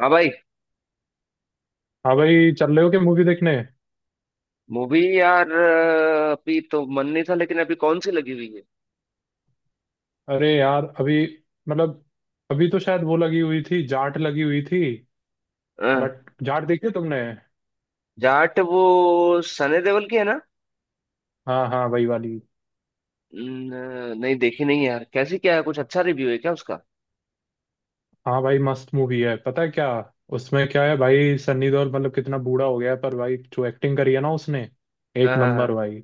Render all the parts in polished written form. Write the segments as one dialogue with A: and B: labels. A: हाँ भाई।
B: हाँ भाई चल रहे हो क्या मूवी देखने।
A: मूवी यार अभी तो मन नहीं था लेकिन अभी कौन सी लगी हुई है?
B: अरे यार अभी मतलब अभी तो शायद वो लगी हुई थी जाट लगी हुई थी।
A: अ,
B: बट जाट देखी है तुमने।
A: जाट वो सनी देओल की है ना?
B: हाँ हाँ वही वाली।
A: नहीं देखी नहीं यार। कैसी क्या है? कुछ अच्छा रिव्यू है क्या उसका?
B: हाँ भाई मस्त मूवी है पता है क्या। उसमें क्या है भाई सन्नी देओल मतलब कितना बूढ़ा हो गया है पर भाई जो एक्टिंग करी है ना उसने
A: हाँ
B: एक
A: हाँ हाँ।
B: नंबर भाई।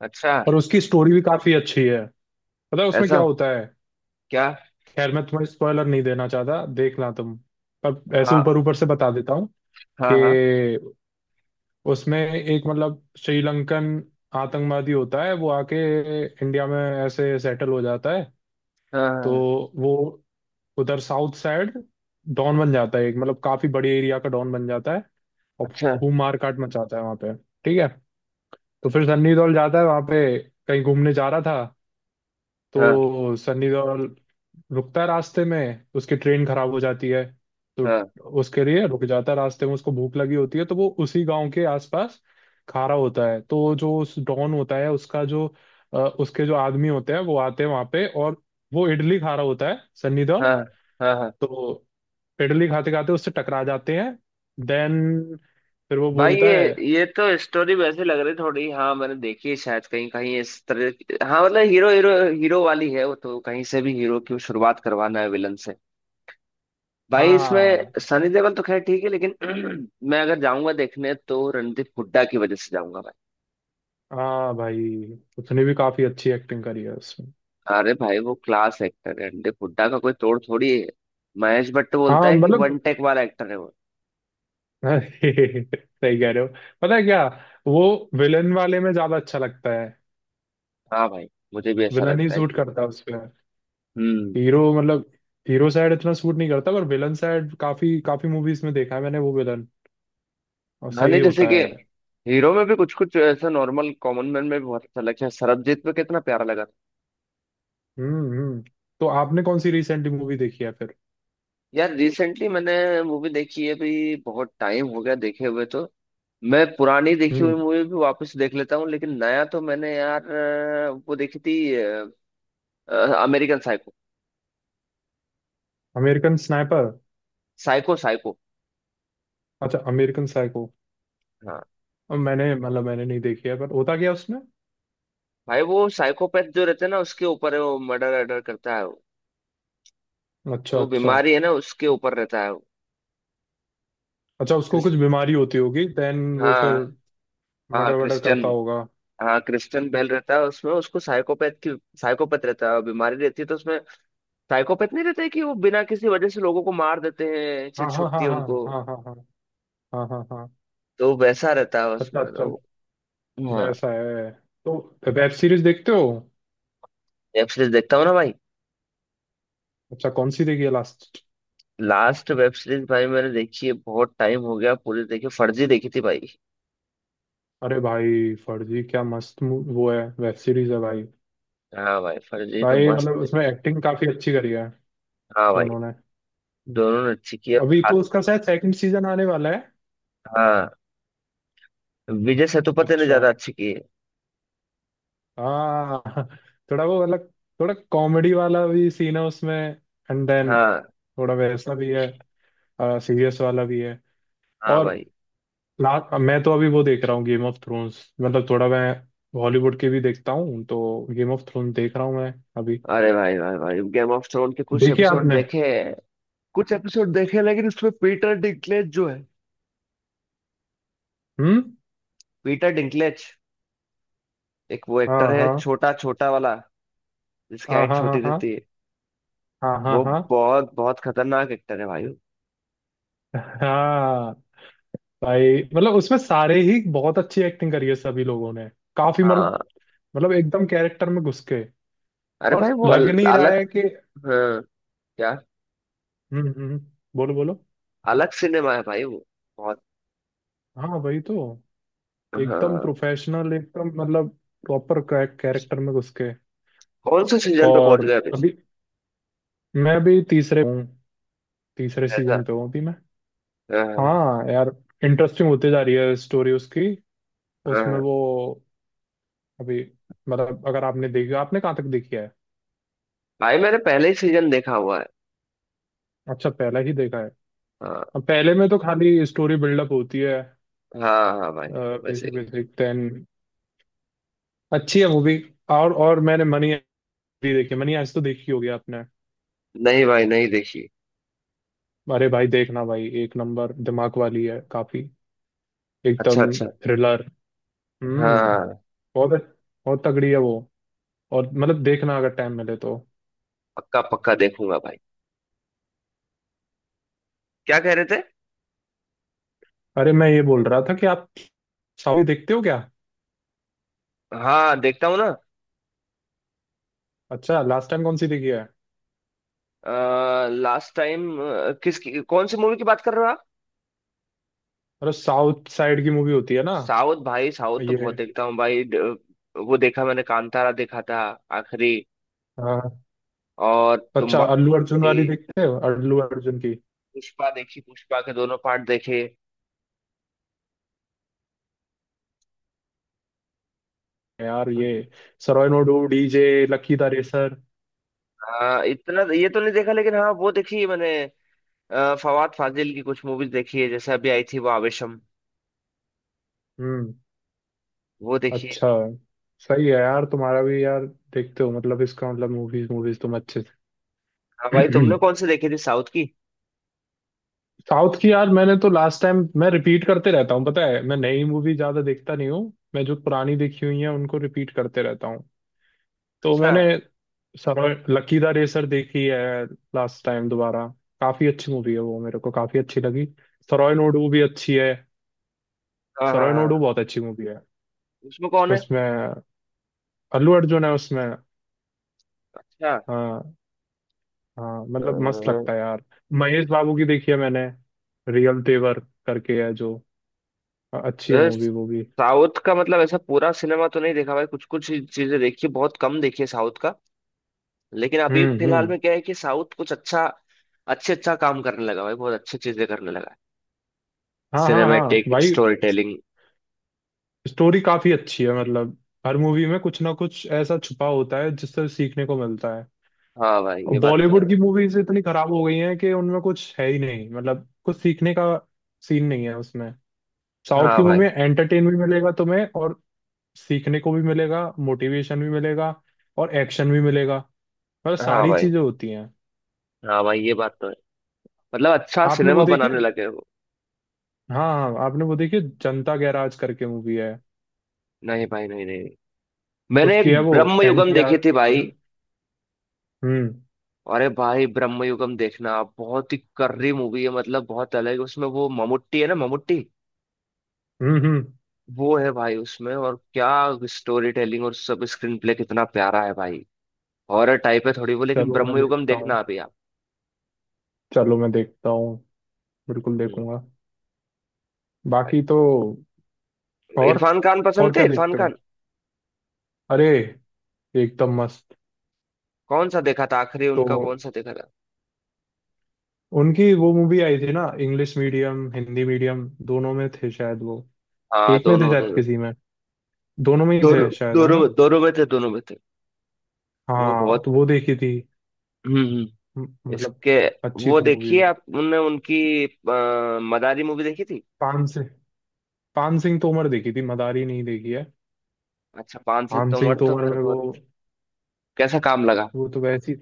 A: अच्छा।
B: और उसकी स्टोरी भी काफी अच्छी है। पता है उसमें क्या
A: ऐसा?
B: होता है।
A: क्या?
B: खैर मैं तुम्हें स्पॉइलर नहीं देना चाहता देखना तुम। पर ऐसे ऊपर
A: हाँ
B: ऊपर से बता देता हूँ कि
A: हाँ हाँ
B: उसमें एक मतलब श्रीलंकन आतंकवादी होता है वो आके इंडिया में ऐसे सेटल हो जाता है।
A: हाँ।
B: तो
A: हाँ,
B: वो उधर साउथ साइड डॉन बन जाता है एक मतलब काफी बड़े एरिया का डॉन बन जाता है। और
A: अच्छा।
B: खूब मार काट मचाता है वहां पे। ठीक है। तो फिर सन्नी देओल जाता है वहां पे कहीं घूमने जा रहा था।
A: हाँ
B: तो सनी देओल रुकता है रास्ते में उसकी ट्रेन खराब हो जाती है। तो
A: हाँ
B: उसके लिए रुक जाता है रास्ते में उसको भूख लगी होती है तो वो उसी गांव के आसपास खा रहा होता है। तो जो उस डॉन होता है उसका जो उसके जो आदमी होते हैं वो आते हैं वहां पे और वो इडली खा रहा होता है सनी देओल।
A: हाँ हाँ। हाँ
B: तो इडली खाते खाते उससे टकरा जाते हैं। देन फिर वो
A: भाई
B: बोलता
A: ये
B: है।
A: ये तो स्टोरी वैसे लग रही थोड़ी। हाँ मैंने देखी है शायद कहीं कहीं इस तरह हाँ। मतलब हीरो हीरो हीरो वाली है वो। तो कहीं से भी हीरो की शुरुआत करवाना है विलन से। भाई इसमें
B: हाँ
A: सनी देओल तो खैर ठीक है लेकिन मैं अगर जाऊंगा देखने तो रणदीप हुड्डा की वजह से जाऊंगा भाई।
B: हाँ भाई। उसने भी काफी अच्छी एक्टिंग करी है उसमें।
A: अरे भाई वो क्लास एक्टर है, रणदीप हुड्डा का कोई तोड़ थोड़ी है। महेश भट्ट बोलता
B: हाँ
A: है कि
B: मतलब
A: वन टेक वाला एक्टर है वो।
B: अरे सही कह रहे हो। पता है क्या। वो विलन वाले में ज्यादा अच्छा लगता है।
A: हाँ भाई मुझे भी ऐसा
B: विलन ही
A: लगता है
B: सूट
A: कि।
B: करता है उसपे।
A: हम्म।
B: हीरो मतलब हीरो साइड इतना सूट नहीं करता पर विलन साइड काफी काफी मूवीज में देखा है मैंने वो विलन और
A: हाँ
B: सही
A: नहीं जैसे
B: होता
A: कि
B: है।
A: हीरो में भी कुछ कुछ ऐसा नॉर्मल कॉमन मैन में भी बहुत अच्छा लगता है। सरबजीत में कितना प्यारा लगा था।
B: हम्म। तो आपने कौन सी रिसेंटली मूवी देखी है फिर।
A: यार रिसेंटली मैंने मूवी देखी है भी। बहुत टाइम हो गया देखे हुए। तो मैं पुरानी देखी हुई
B: हम्म।
A: मूवी भी वापस देख लेता हूँ लेकिन नया तो मैंने यार वो देखी थी। American Psycho.
B: American Sniper.
A: Psycho Psycho.
B: अच्छा अमेरिकन साइको।
A: हाँ
B: मैंने मतलब मैंने नहीं देखी है पर होता क्या है उसमें।
A: भाई वो साइकोपैथ जो रहते हैं ना उसके ऊपर है वो। मर्डर अर्डर करता है वो।
B: अच्छा
A: तो
B: अच्छा।
A: बीमारी है ना, उसके ऊपर रहता है वो।
B: अच्छा उसको
A: क्रिस,
B: कुछ बीमारी होती होगी देन वो फिर
A: हाँ। हाँ
B: मर्डर वर्डर
A: क्रिश्चियन।
B: करता होगा।
A: हाँ क्रिश्चियन बेल रहता है उसमें, उसको साइकोपैथ की साइकोपैथ रहता है और बीमारी रहती है तो उसमें। साइकोपैथ नहीं रहता है कि वो बिना किसी वजह से लोगों को मार देते हैं, चिढ़
B: हाँ हाँ हाँ
A: छुटती है
B: हाँ
A: उनको।
B: हाँ हाँ हाँ हाँ हाँ हाँ।
A: तो वैसा रहता है
B: अच्छा
A: उसमें
B: अच्छा।
A: तो। हाँ।
B: वैसा है। तो वेब सीरीज देखते हो।
A: वेब सीरीज देखता हूँ ना भाई।
B: अच्छा कौन सी देखी है लास्ट।
A: लास्ट वेब सीरीज भाई मैंने देखी है, बहुत टाइम हो गया, पूरी देखी फर्जी देखी थी भाई।
B: अरे भाई फर्जी क्या मस्त वो है वेब सीरीज है भाई।
A: हाँ भाई फर्जी तो
B: भाई
A: मस्त
B: मतलब
A: थी।
B: उसमें एक्टिंग काफी अच्छी करी है
A: हाँ भाई।
B: दोनों ने।
A: दोनों ने अच्छी की है
B: अभी तो
A: खास।
B: उसका शायद सेकंड सीजन आने वाला है।
A: हाँ। विजय सेतुपति ने
B: अच्छा।
A: ज्यादा अच्छी की है।
B: हाँ थोड़ा वो मतलब थोड़ा कॉमेडी वाला भी सीन है उसमें। एंड देन
A: हाँ
B: थोड़ा वैसा भी है सीरियस वाला भी है।
A: हाँ
B: और
A: भाई।
B: लास्ट मैं तो अभी वो देख रहा हूँ गेम ऑफ थ्रोन्स मतलब थोड़ा मैं हॉलीवुड के भी देखता हूँ। तो गेम ऑफ थ्रोन्स देख रहा हूँ मैं अभी।
A: अरे भाई भाई भाई गेम ऑफ थ्रोन के कुछ
B: देखिए
A: एपिसोड
B: आपने।
A: देखे। कुछ एपिसोड देखे लेकिन उसमें पीटर डिंकलेज जो है,
B: हम्म।
A: पीटर डिंकलेज एक वो
B: हाँ
A: एक्टर है
B: हाँ
A: छोटा छोटा वाला, जिसकी
B: हाँ
A: हाइट
B: हाँ
A: छोटी
B: हाँ हाँ
A: रहती है।
B: हाँ हाँ
A: वो
B: हाँ।
A: बहुत बहुत खतरनाक एक्टर है भाई वो।
B: हाँ भाई मतलब उसमें सारे ही बहुत अच्छी एक्टिंग करी है सभी लोगों ने। काफी मतलब
A: हाँ।
B: मतलब एकदम कैरेक्टर में घुस के।
A: अरे भाई
B: और
A: वो
B: लग नहीं रहा
A: अलग।
B: है कि।
A: हाँ। क्या?
B: हम्म हम्म हम्म। बोलो बोलो।
A: अलग सिनेमा है भाई वो। बहुत।
B: हाँ वही तो। एकदम
A: हाँ।
B: प्रोफेशनल एकदम मतलब प्रॉपर कैरेक्टर में घुस के।
A: कौन से सीजन पे पहुंच
B: और
A: गया अभी?
B: अभी मैं अभी तीसरे हूँ। तीसरे
A: ऐसा।
B: सीजन पे हूँ अभी मैं।
A: हाँ
B: हाँ यार इंटरेस्टिंग होती जा रही है स्टोरी उसकी। उसमें
A: हाँ
B: वो अभी मतलब अगर आपने देखी आपने कहाँ तक देखी है।
A: भाई मैंने पहले ही सीजन देखा हुआ है।
B: अच्छा पहला ही देखा है।
A: हाँ
B: अब पहले में तो खाली स्टोरी बिल्डअप होती है।
A: हाँ हाँ भाई वैसे
B: बेसिक
A: ही।
B: बेसिक देन अच्छी है वो भी। और मैंने मनी भी देखी। मनी आज तो देखी होगी आपने।
A: नहीं भाई नहीं देखी।
B: अरे भाई देखना भाई एक नंबर दिमाग वाली है काफी।
A: अच्छा
B: एकदम
A: अच्छा।
B: थ्रिलर। हम्म।
A: हाँ।
B: बहुत बहुत तगड़ी है वो। और मतलब देखना अगर टाइम मिले तो।
A: पक्का पक्का देखूंगा भाई। क्या कह रहे थे?
B: अरे मैं ये बोल रहा था कि आप साउथ देखते हो क्या।
A: हाँ देखता हूँ ना।
B: अच्छा लास्ट टाइम कौन सी देखी है।
A: लास्ट टाइम किसकी कौन सी मूवी की बात कर रहे हो आप?
B: अरे साउथ साइड की मूवी होती है ना।
A: साउथ भाई साउथ तो
B: ये।
A: बहुत देखता हूँ भाई वो देखा मैंने, कांतारा देखा था आखिरी,
B: हाँ।
A: और
B: अच्छा
A: तुम्बाड़।
B: अल्लू अर्जुन
A: थी।
B: वाली देखते हो अल्लू अर्जुन की।
A: पुष्पा देखी, पुष्पा के दोनों पार्ट देखे।
B: यार ये Sarrainodu DJ Lucky the Racer.
A: आ, इतना ये तो नहीं देखा लेकिन हाँ वो देखी है मैंने। फवाद फाजिल की कुछ मूवीज देखी है, जैसे अभी आई थी वो आवेशम,
B: हम्म।
A: वो देखी है।
B: अच्छा सही है यार तुम्हारा भी यार। देखते हो मतलब इसका मतलब मूवीज मूवीज तुम अच्छे
A: हाँ भाई
B: से
A: तुमने कौन सी देखी थी साउथ की?
B: साउथ की यार मैंने तो लास्ट टाइम मैं रिपीट करते रहता हूँ पता है मैं नई मूवी ज्यादा देखता नहीं हूँ। मैं जो पुरानी देखी हुई है उनको रिपीट करते रहता हूँ। तो
A: अच्छा।
B: मैंने सरोज लकी द रेसर देखी है लास्ट टाइम दोबारा। काफी अच्छी मूवी है वो मेरे को काफी अच्छी लगी। सरोज नोडू भी अच्छी है।
A: हाँ हाँ
B: सरोज नोडू
A: हाँ।
B: बहुत अच्छी मूवी है।
A: उसमें कौन है?
B: उसमें अल्लू अर्जुन है उसमें।
A: अच्छा।
B: हाँ। हाँ मतलब मस्त
A: अ,
B: लगता है यार। महेश बाबू की देखी है मैंने। रियल तेवर करके है जो अच्छी है
A: अ,
B: मूवी वो भी।
A: साउथ का मतलब ऐसा पूरा सिनेमा तो नहीं देखा भाई, कुछ कुछ चीजें देखी, बहुत कम देखी है साउथ का। लेकिन अभी फिलहाल
B: हम्म।
A: में क्या है कि साउथ कुछ अच्छा अच्छे अच्छा काम करने लगा भाई, बहुत अच्छी चीजें करने लगा है,
B: हाँ हाँ हाँ
A: सिनेमेटिक
B: भाई।
A: Story telling.
B: स्टोरी काफी अच्छी है मतलब हर मूवी में कुछ ना कुछ ऐसा छुपा होता है जिससे सीखने को मिलता है।
A: हाँ भाई
B: और
A: ये बात तो है
B: बॉलीवुड की
A: भाई।
B: मूवीज इतनी खराब हो गई हैं कि उनमें कुछ है ही नहीं मतलब कुछ सीखने का सीन नहीं है उसमें। साउथ
A: हाँ
B: की मूवी
A: भाई।
B: में एंटरटेन भी मिलेगा तुम्हें और सीखने को भी मिलेगा। मोटिवेशन भी मिलेगा और एक्शन भी मिलेगा। मतलब
A: हाँ
B: सारी
A: भाई।
B: चीजें होती हैं।
A: हाँ भाई ये बात तो है। मतलब अच्छा
B: आपने
A: सिनेमा
B: वो देखी है।
A: बनाने लगे हो।
B: हाँ हाँ आपने वो देखी है जनता गैराज करके मूवी है।
A: नहीं भाई नहीं नहीं। मैंने एक
B: उसकी है वो
A: ब्रह्म
B: एन
A: युगम
B: टी आर
A: देखी थी भाई।
B: जो। हम्म
A: अरे भाई ब्रह्म युगम देखना बहुत ही कर्री मूवी है, मतलब बहुत अलग। उसमें वो ममुट्टी है ना, ममुट्टी
B: हम्म।
A: वो है भाई उसमें। और क्या स्टोरी टेलिंग और सब, स्क्रीन प्ले कितना प्यारा है भाई। हॉरर टाइप है थोड़ी वो, लेकिन
B: चलो मैं
A: ब्रह्म युगम
B: देखता हूँ।
A: देखना अभी आप।
B: चलो मैं देखता हूँ। बिल्कुल
A: हम्म।
B: देखूंगा।
A: भाई
B: बाकी तो और
A: इरफान खान
B: और
A: पसंद थे,
B: क्या
A: इरफान
B: देखते हो।
A: खान।
B: अरे एकदम मस्त।
A: कौन सा देखा था आखिरी
B: तो
A: उनका? कौन सा देखा था?
B: उनकी वो मूवी आई थी ना इंग्लिश मीडियम हिंदी मीडियम दोनों में थे शायद वो।
A: हाँ
B: एक में थे
A: दोनों
B: शायद
A: दोनों।
B: किसी में। दोनों में ही थे
A: दोनों
B: शायद है
A: दोनों
B: ना।
A: में, दोनों में थे दोनों में थे। वो
B: हाँ
A: बहुत।
B: तो वो देखी थी।
A: हम्म।
B: मतलब
A: इसके।
B: अच्छी
A: वो
B: थी मूवी
A: देखिए
B: वो।
A: आप उनने उनकी मदारी मूवी देखी थी?
B: पान सिंह पान सिंह तोमर देखी थी मदारी नहीं देखी है।
A: अच्छा पान सिंह
B: पान सिंह
A: तोमर तो
B: तोमर
A: फिर
B: में वो
A: बहुत। कैसा काम लगा?
B: वो तो वैसी।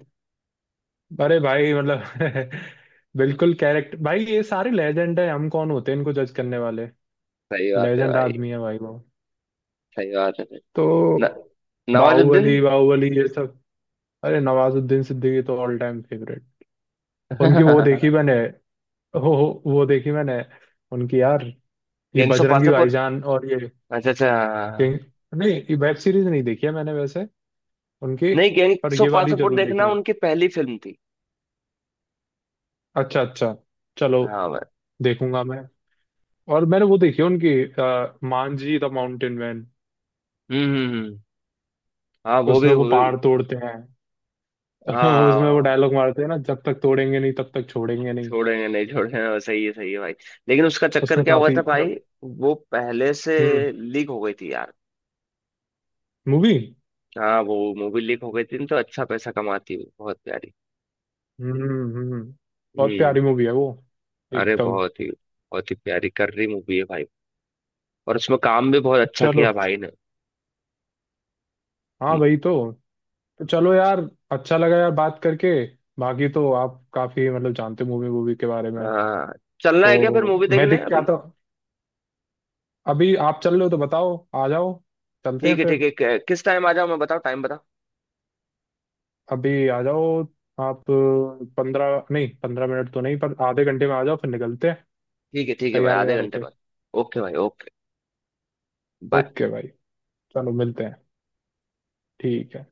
B: अरे भाई मतलब बिल्कुल कैरेक्टर भाई ये सारे लेजेंड है हम कौन होते हैं इनको जज करने वाले।
A: सही बात है
B: लेजेंड
A: भाई।
B: आदमी है भाई वो।
A: सही बात है। न,
B: तो
A: नवाजुद्दीन।
B: बाहुबली बाहुबली ये सब। अरे नवाजुद्दीन सिद्दीकी तो ऑल टाइम फेवरेट। उनकी वो देखी मैंने। हो, वो देखी मैंने। उनकी यार ये
A: गैंग्स ऑफ
B: बजरंगी
A: वासेपुर।
B: भाईजान और ये
A: अच्छा अच्छा। हाँ, हाँ, हाँ।
B: किंग। नहीं ये वेब सीरीज नहीं देखी है मैंने वैसे उनकी
A: नहीं
B: पर
A: गैंग्स
B: ये
A: ऑफ
B: वाली
A: वासेपुर
B: जरूर देखी
A: देखना,
B: है।
A: उनकी पहली फिल्म थी।
B: अच्छा अच्छा। चलो
A: हाँ भाई।
B: देखूंगा मैं। और मैंने वो देखी है उनकी मांझी द माउंटेन मैन।
A: हम्म हम्म हम्म। हाँ वो भी
B: उसमें वो
A: वो भी।
B: पहाड़ तोड़ते हैं
A: हाँ, हाँ,
B: उसमें
A: हाँ,
B: वो
A: हाँ।
B: डायलॉग मारते हैं ना जब तक तोड़ेंगे नहीं तब तक छोड़ेंगे नहीं।
A: छोड़ेंगे नहीं छोड़ेंगे, वो सही है भाई। लेकिन उसका चक्कर
B: उसमें
A: क्या हुआ
B: काफी
A: था भाई, वो पहले से
B: हम्म
A: लीक हो गई थी यार।
B: मूवी।
A: हाँ वो मूवी लीक हो गई थी न, तो अच्छा पैसा कमाती है, बहुत प्यारी।
B: हम्म हम्म। बहुत
A: हम्म।
B: प्यारी मूवी है वो
A: अरे
B: एकदम।
A: बहुत ही प्यारी कर रही मूवी है भाई। और उसमें काम भी बहुत अच्छा
B: चलो।
A: किया भाई ने।
B: हाँ
A: हम्म,
B: वही तो। तो चलो यार अच्छा लगा यार बात करके। बाकी तो आप काफी मतलब जानते मूवी मूवी के बारे में।
A: आ, चलना है क्या फिर
B: तो
A: मूवी
B: मैं
A: देखने
B: देख के
A: अभी?
B: आता हूँ। अभी आप चल रहे हो तो बताओ आ जाओ। चलते हैं
A: ठीक है
B: फिर।
A: ठीक है। किस टाइम आ जाओ मैं बताओ टाइम बताओ।
B: अभी आ जाओ। आप 15 नहीं 15 मिनट तो नहीं पर आधे घंटे में आ जाओ फिर निकलते हैं।
A: ठीक है भाई,
B: तैयार
A: आधे
B: वैयार
A: घंटे
B: होके।
A: बाद। ओके भाई ओके। बाय।
B: ओके भाई। चलो मिलते हैं। ठीक है।